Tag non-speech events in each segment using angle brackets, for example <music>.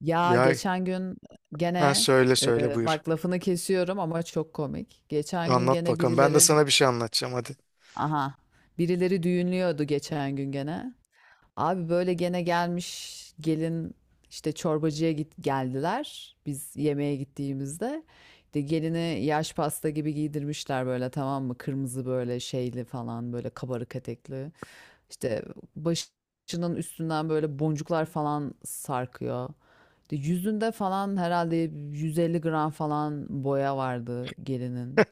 Ya Ya, geçen gün ha, gene söyle söyle, buyur. bak lafını kesiyorum ama çok komik. Geçen gün Anlat gene bakalım. Ben de birileri sana bir şey anlatacağım, hadi. aha birileri düğünlüyordu geçen gün gene. Abi böyle gene gelmiş gelin işte çorbacıya git geldiler biz yemeğe gittiğimizde. İşte gelini yaş pasta gibi giydirmişler böyle, tamam mı? Kırmızı böyle şeyli falan, böyle kabarık etekli. İşte başının üstünden böyle boncuklar falan sarkıyor. İşte yüzünde falan herhalde 150 gram falan boya vardı gelinin.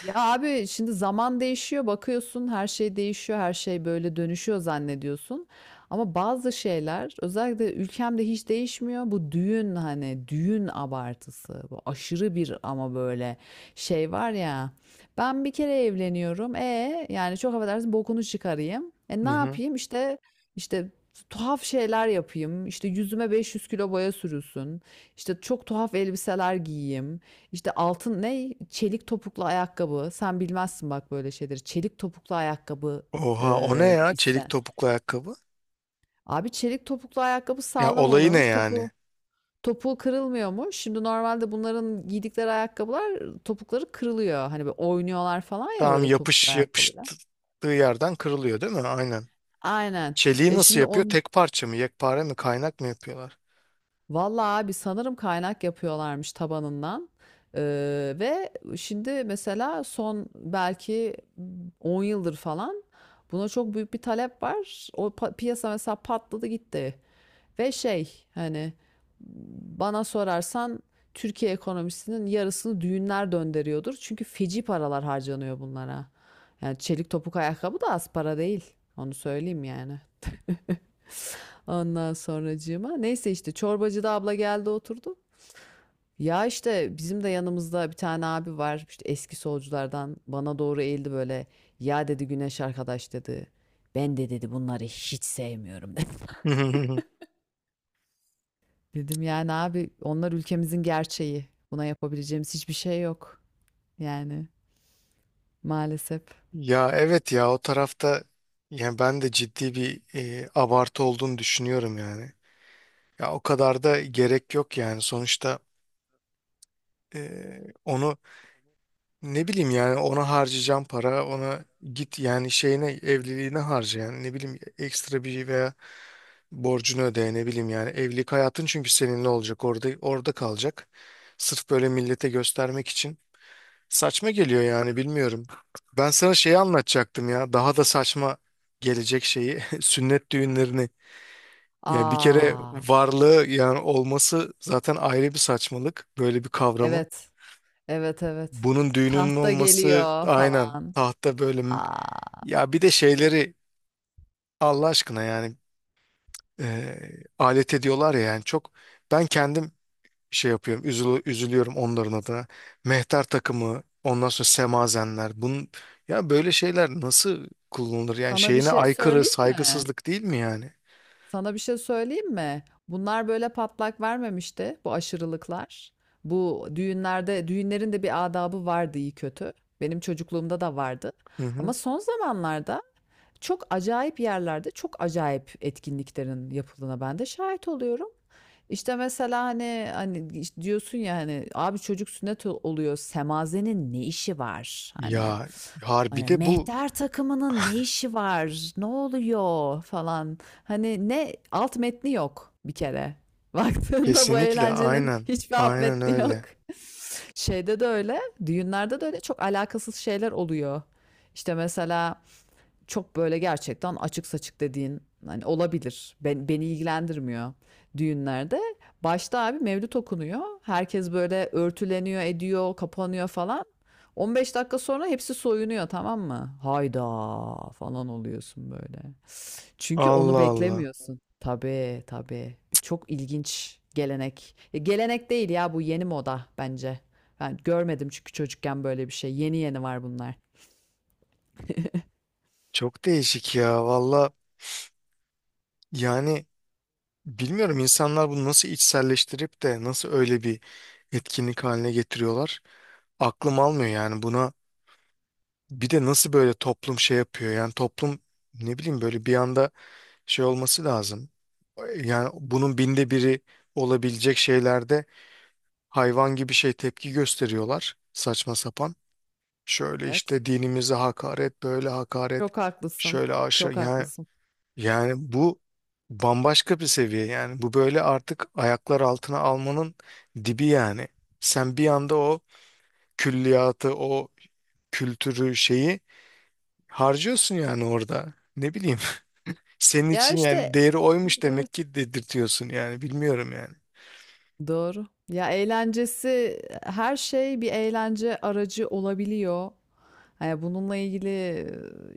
Ya abi, şimdi zaman değişiyor, bakıyorsun her şey değişiyor, her şey böyle dönüşüyor zannediyorsun. Ama bazı şeyler özellikle ülkemde hiç değişmiyor. Bu düğün, hani düğün abartısı. Bu aşırı bir ama böyle şey var ya. Ben bir kere evleniyorum. E yani, çok affedersin, bokunu çıkarayım. E ne Hı hı. yapayım? İşte işte tuhaf şeyler yapayım. İşte yüzüme 500 kilo boya sürülsün. İşte çok tuhaf elbiseler giyeyim. İşte altın ne? Çelik topuklu ayakkabı. Sen bilmezsin bak böyle şeyleri. Çelik topuklu ayakkabı, Oha, o ne ya? Çelik iste. topuklu ayakkabı. Abi çelik topuklu ayakkabı Ya sağlam olayı ne oluyormuş. yani? Topuğu kırılmıyormuş. Şimdi normalde bunların giydikleri ayakkabılar topukları kırılıyor. Hani böyle oynuyorlar falan ya Tamam, böyle topuklu yapış ayakkabıyla. yapıştığı yerden kırılıyor değil mi? Aynen. Aynen. Çeliği E nasıl şimdi yapıyor? on Tek parça mı? Yekpare mi? Kaynak mı yapıyorlar? Vallahi abi sanırım kaynak yapıyorlarmış tabanından. Ee, ve şimdi mesela son belki 10 yıldır falan buna çok büyük bir talep var. Piyasa mesela patladı gitti. Ve şey, hani bana sorarsan Türkiye ekonomisinin yarısını düğünler döndürüyordur. Çünkü feci paralar harcanıyor bunlara. Yani çelik topuk ayakkabı da az para değil. Onu söyleyeyim yani. <laughs> Ondan sonracığıma, neyse işte çorbacıda abla geldi oturdu. Ya işte bizim de yanımızda bir tane abi var, işte eski solculardan, bana doğru eğildi böyle. Ya dedi, Güneş arkadaş dedi, ben de dedi bunları hiç sevmiyorum dedi. <laughs> <laughs> Dedim yani abi, onlar ülkemizin gerçeği. Buna yapabileceğimiz hiçbir şey yok. Yani maalesef. Ya evet ya, o tarafta yani ben de ciddi bir abartı olduğunu düşünüyorum yani. Ya o kadar da gerek yok yani, sonuçta onu, ne bileyim yani, ona harcayacağım para, ona git yani, şeyine, evliliğine harca yani, ne bileyim, ekstra bir şey veya borcunu öde, ne bileyim yani, evlilik hayatın, çünkü seninle olacak, orada kalacak. Sırf böyle millete göstermek için saçma geliyor yani, bilmiyorum. Ben sana şeyi anlatacaktım ya, daha da saçma gelecek şeyi, <laughs> sünnet düğünlerini. Yani bir kere Aa, varlığı, yani olması zaten ayrı bir saçmalık böyle bir kavramın. evet, evet, evet. Bunun düğününün Tahta olması, geliyor aynen, falan. tahta böyle. Aa, Ya bir de şeyleri, Allah aşkına yani, alet ediyorlar ya yani, çok ben kendim şey yapıyorum, üzülüyorum onların adına. Mehter takımı, ondan sonra semazenler, bunun, ya böyle şeyler nasıl kullanılır yani, sana bir şeyine şey aykırı, söyleyeyim mi? saygısızlık değil mi yani? Sana bir şey söyleyeyim mi? Bunlar böyle patlak vermemişti, bu aşırılıklar. Bu düğünlerde, düğünlerin de bir adabı vardı iyi kötü. Benim çocukluğumda da vardı. Hı hı. Ama son zamanlarda çok acayip yerlerde çok acayip etkinliklerin yapıldığına ben de şahit oluyorum. İşte mesela hani işte diyorsun ya, hani abi çocuk sünnet oluyor, semazenin ne işi var hani, Ya harbi hani de bu, mehter takımının ne işi var, ne oluyor falan, hani ne, alt metni yok bir kere. <laughs> Baktığında bu kesinlikle, eğlencenin aynen hiçbir alt aynen metni yok. öyle. Şeyde de öyle, düğünlerde de öyle, çok alakasız şeyler oluyor. İşte mesela çok böyle gerçekten açık saçık dediğin hani olabilir. Beni ilgilendirmiyor düğünlerde. Başta abi mevlüt okunuyor. Herkes böyle örtüleniyor, ediyor, kapanıyor falan. 15 dakika sonra hepsi soyunuyor, tamam mı? Hayda falan oluyorsun böyle. Çünkü onu Allah Allah, beklemiyorsun. Tabii tabii. Çok ilginç gelenek. Ya gelenek değil ya, bu yeni moda bence. Ben görmedim çünkü çocukken böyle bir şey. Yeni yeni var bunlar. çok değişik ya, valla yani. Bilmiyorum insanlar bunu nasıl içselleştirip de nasıl öyle bir etkinlik haline getiriyorlar. Aklım almıyor yani buna. Bir de nasıl böyle toplum şey yapıyor yani, toplum, ne bileyim, böyle bir anda şey olması lazım. Yani bunun binde biri olabilecek şeylerde hayvan gibi şey tepki gösteriyorlar, saçma sapan. Şöyle Evet. işte dinimize hakaret, böyle hakaret, Çok haklısın. şöyle aşağı Çok yani. haklısın. Yani bu bambaşka bir seviye yani, bu böyle artık ayaklar altına almanın dibi yani. Sen bir anda o külliyatı, o kültürü, şeyi harcıyorsun yani orada. Ne bileyim, <laughs> senin Ya, için yani işte değeri oymuş demek evet, ki, dedirtiyorsun yani, bilmiyorum yani. doğru. Ya, eğlencesi, her şey bir eğlence aracı olabiliyor. Hani bununla ilgili,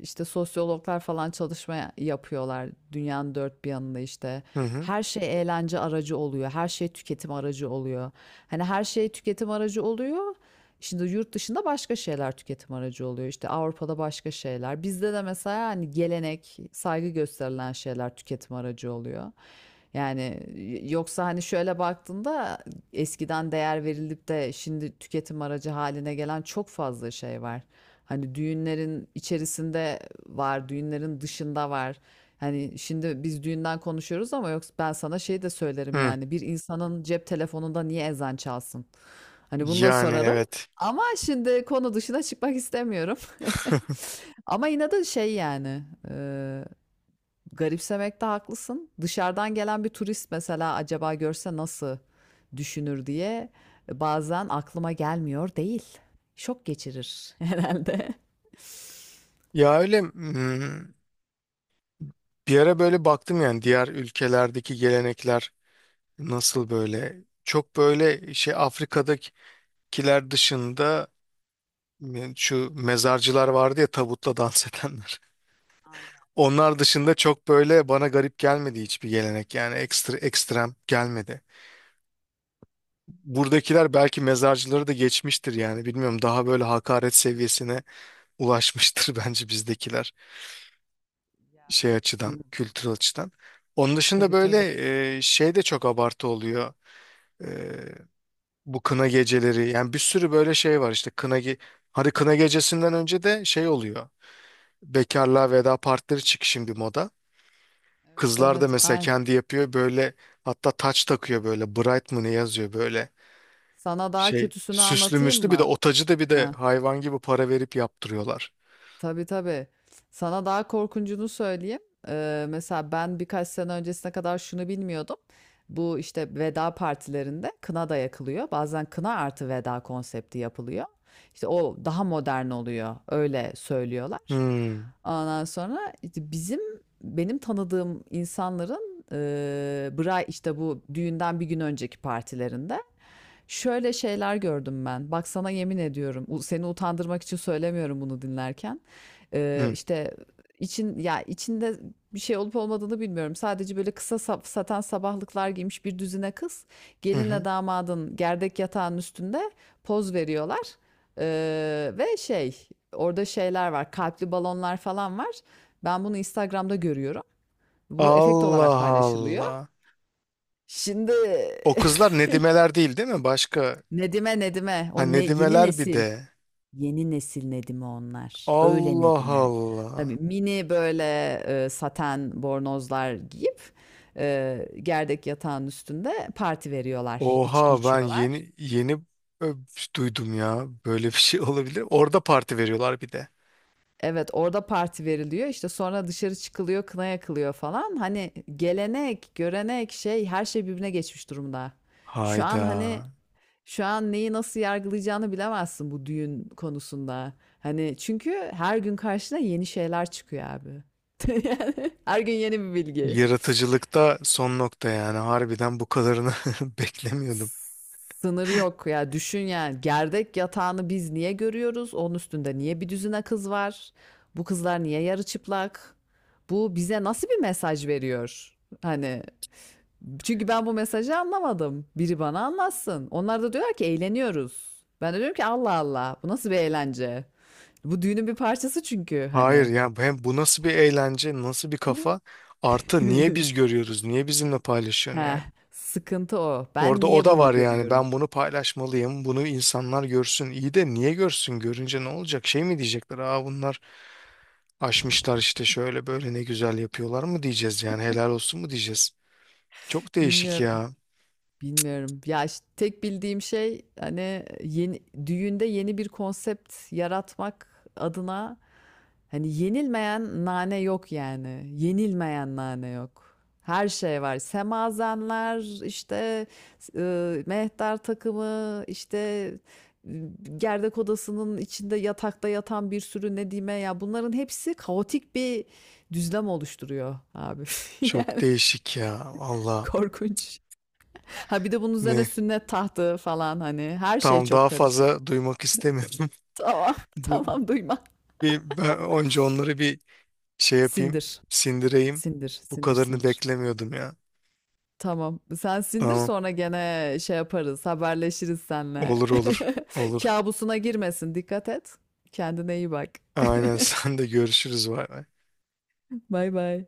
işte, sosyologlar falan çalışma ya yapıyorlar dünyanın dört bir yanında, işte. Hı hı. Her şey eğlence aracı oluyor, her şey tüketim aracı oluyor. Hani her şey tüketim aracı oluyor, şimdi yurt dışında başka şeyler tüketim aracı oluyor. İşte Avrupa'da başka şeyler. Bizde de mesela hani gelenek, saygı gösterilen şeyler tüketim aracı oluyor. Yani yoksa hani şöyle baktığında eskiden değer verilip de şimdi tüketim aracı haline gelen çok fazla şey var. Hani düğünlerin içerisinde var, düğünlerin dışında var. Hani şimdi biz düğünden konuşuyoruz ama yoksa ben sana şey de söylerim Hı. yani, bir insanın cep telefonunda niye ezan çalsın? Hani bunu da Yani sorarım. evet. Ama şimdi konu dışına çıkmak istemiyorum. <laughs> <laughs> Ama yine de şey yani, e, garipsemekte haklısın. Dışarıdan gelen bir turist mesela acaba görse nasıl düşünür diye bazen aklıma gelmiyor değil. Şok geçirir <laughs> herhalde. Ya öyle, bir ara böyle baktım yani, diğer ülkelerdeki gelenekler nasıl, böyle çok böyle şey, Afrika'dakiler dışında. Şu mezarcılar vardı ya, tabutla dans edenler. <laughs> Aynen Onlar dışında çok böyle bana garip gelmedi hiçbir gelenek yani, ekstra ekstrem gelmedi. Buradakiler belki mezarcıları da geçmiştir yani, bilmiyorum, daha böyle hakaret seviyesine ulaşmıştır <laughs> bence bizdekiler, ya, şey evet. açıdan, Hı, kültürel açıdan. Onun dışında tabii böyle, tabii. Şey de çok abartı oluyor. E, bu kına geceleri yani, bir sürü böyle şey var işte, kına ge hadi, kına gecesinden önce de şey oluyor, bekarlığa veda partileri çık şimdi moda. Evet Kızlar da evet. mesela Ay. kendi yapıyor böyle, hatta taç takıyor böyle, bright mı ne yazıyor böyle Sana daha şey, kötüsünü süslü anlatayım müslü, bir de mı? o tacı da bir de Ha. hayvan gibi para verip yaptırıyorlar. Tabii tabii. Sana daha korkuncunu söyleyeyim. Mesela ben birkaç sene öncesine kadar şunu bilmiyordum. Bu işte veda partilerinde kına da yakılıyor. Bazen kına artı veda konsepti yapılıyor. İşte o daha modern oluyor. Öyle söylüyorlar. Hmm. Ondan sonra işte bizim benim tanıdığım insanların e, bra işte bu düğünden bir gün önceki partilerinde şöyle şeyler gördüm ben. Bak sana yemin ediyorum. Seni utandırmak için söylemiyorum bunu dinlerken. Hı. İşte içinde bir şey olup olmadığını bilmiyorum. Sadece böyle kısa saten sabahlıklar giymiş bir düzine kız Hı gelinle hı. damadın gerdek yatağının üstünde poz veriyorlar. Ve şey, orada şeyler var, kalpli balonlar falan var. Ben bunu Instagram'da görüyorum. Bu efekt olarak Allah paylaşılıyor. Allah. Şimdi O <laughs> kızlar nedimeler değil değil mi? Başka. Nedime, Ha, o ne, yeni nedimeler bir nesil, de. yeni nesil Nedim'i onlar. Öyle Allah Nedim'e. Tabii Allah. mini böyle saten bornozlar giyip gerdek yatağın üstünde parti veriyorlar. İçki Oha, ben içiyorlar. yeni yeni, ö, duydum ya. Böyle bir şey <laughs> olabilir. Orada parti veriyorlar bir de. Evet orada parti veriliyor. İşte sonra dışarı çıkılıyor, kına yakılıyor falan. Hani gelenek, görenek, şey, her şey birbirine geçmiş durumda. Şu an Hayda. hani şu an neyi nasıl yargılayacağını bilemezsin bu düğün konusunda. Hani çünkü her gün karşına yeni şeyler çıkıyor abi. <laughs> Her gün yeni bir bilgi. Yaratıcılıkta son nokta yani, harbiden bu kadarını <laughs> beklemiyordum. Sınır yok ya, düşün yani, gerdek yatağını biz niye görüyoruz? Onun üstünde niye bir düzine kız var? Bu kızlar niye yarı çıplak? Bu bize nasıl bir mesaj veriyor? Hani çünkü ben bu mesajı anlamadım. Biri bana anlatsın. Onlar da diyorlar ki eğleniyoruz. Ben de diyorum ki Allah Allah, bu nasıl bir eğlence? Bu düğünün bir parçası çünkü Hayır hani. ya, hem bu nasıl bir eğlence, nasıl bir kafa? Artı niye biz <laughs> görüyoruz? Niye bizimle paylaşıyorsun Heh, yani? sıkıntı o. Ben Orada o niye da bunu var yani, görüyorum? ben bunu paylaşmalıyım, bunu insanlar görsün. İyi de niye görsün? Görünce ne olacak? Şey mi diyecekler? Aa, bunlar aşmışlar işte, şöyle böyle ne güzel yapıyorlar mı diyeceğiz yani, helal olsun mu diyeceğiz? Çok değişik Bilmiyorum. ya. Bilmiyorum. Ya işte tek bildiğim şey hani yeni, düğünde yeni bir konsept yaratmak adına hani yenilmeyen nane yok yani. Yenilmeyen nane yok. Her şey var. Semazenler, işte mehter takımı, işte, e, gerdek odasının içinde yatakta yatan bir sürü nedime, ya bunların hepsi kaotik bir düzlem oluşturuyor abi. <laughs> Çok Yani değişik ya. Valla korkunç. Ha bir de bunun üzerine ne? sünnet tahtı falan, hani her şey Tamam, çok daha karışık. fazla duymak istemiyorum. Tamam, <laughs> <laughs> Bu, tamam duyma. bir ben önce onları bir şey yapayım, Sindir, sindireyim. sindir, Bu sindir, kadarını sindir. beklemiyordum ya. Tamam. Sen sindir Tamam. sonra gene şey yaparız, haberleşiriz senle. Olur olur. <laughs> Olur. Kabusuna girmesin, dikkat et. Kendine iyi bak. Aynen, <laughs> sen de, görüşürüz. Vay. Bay bay.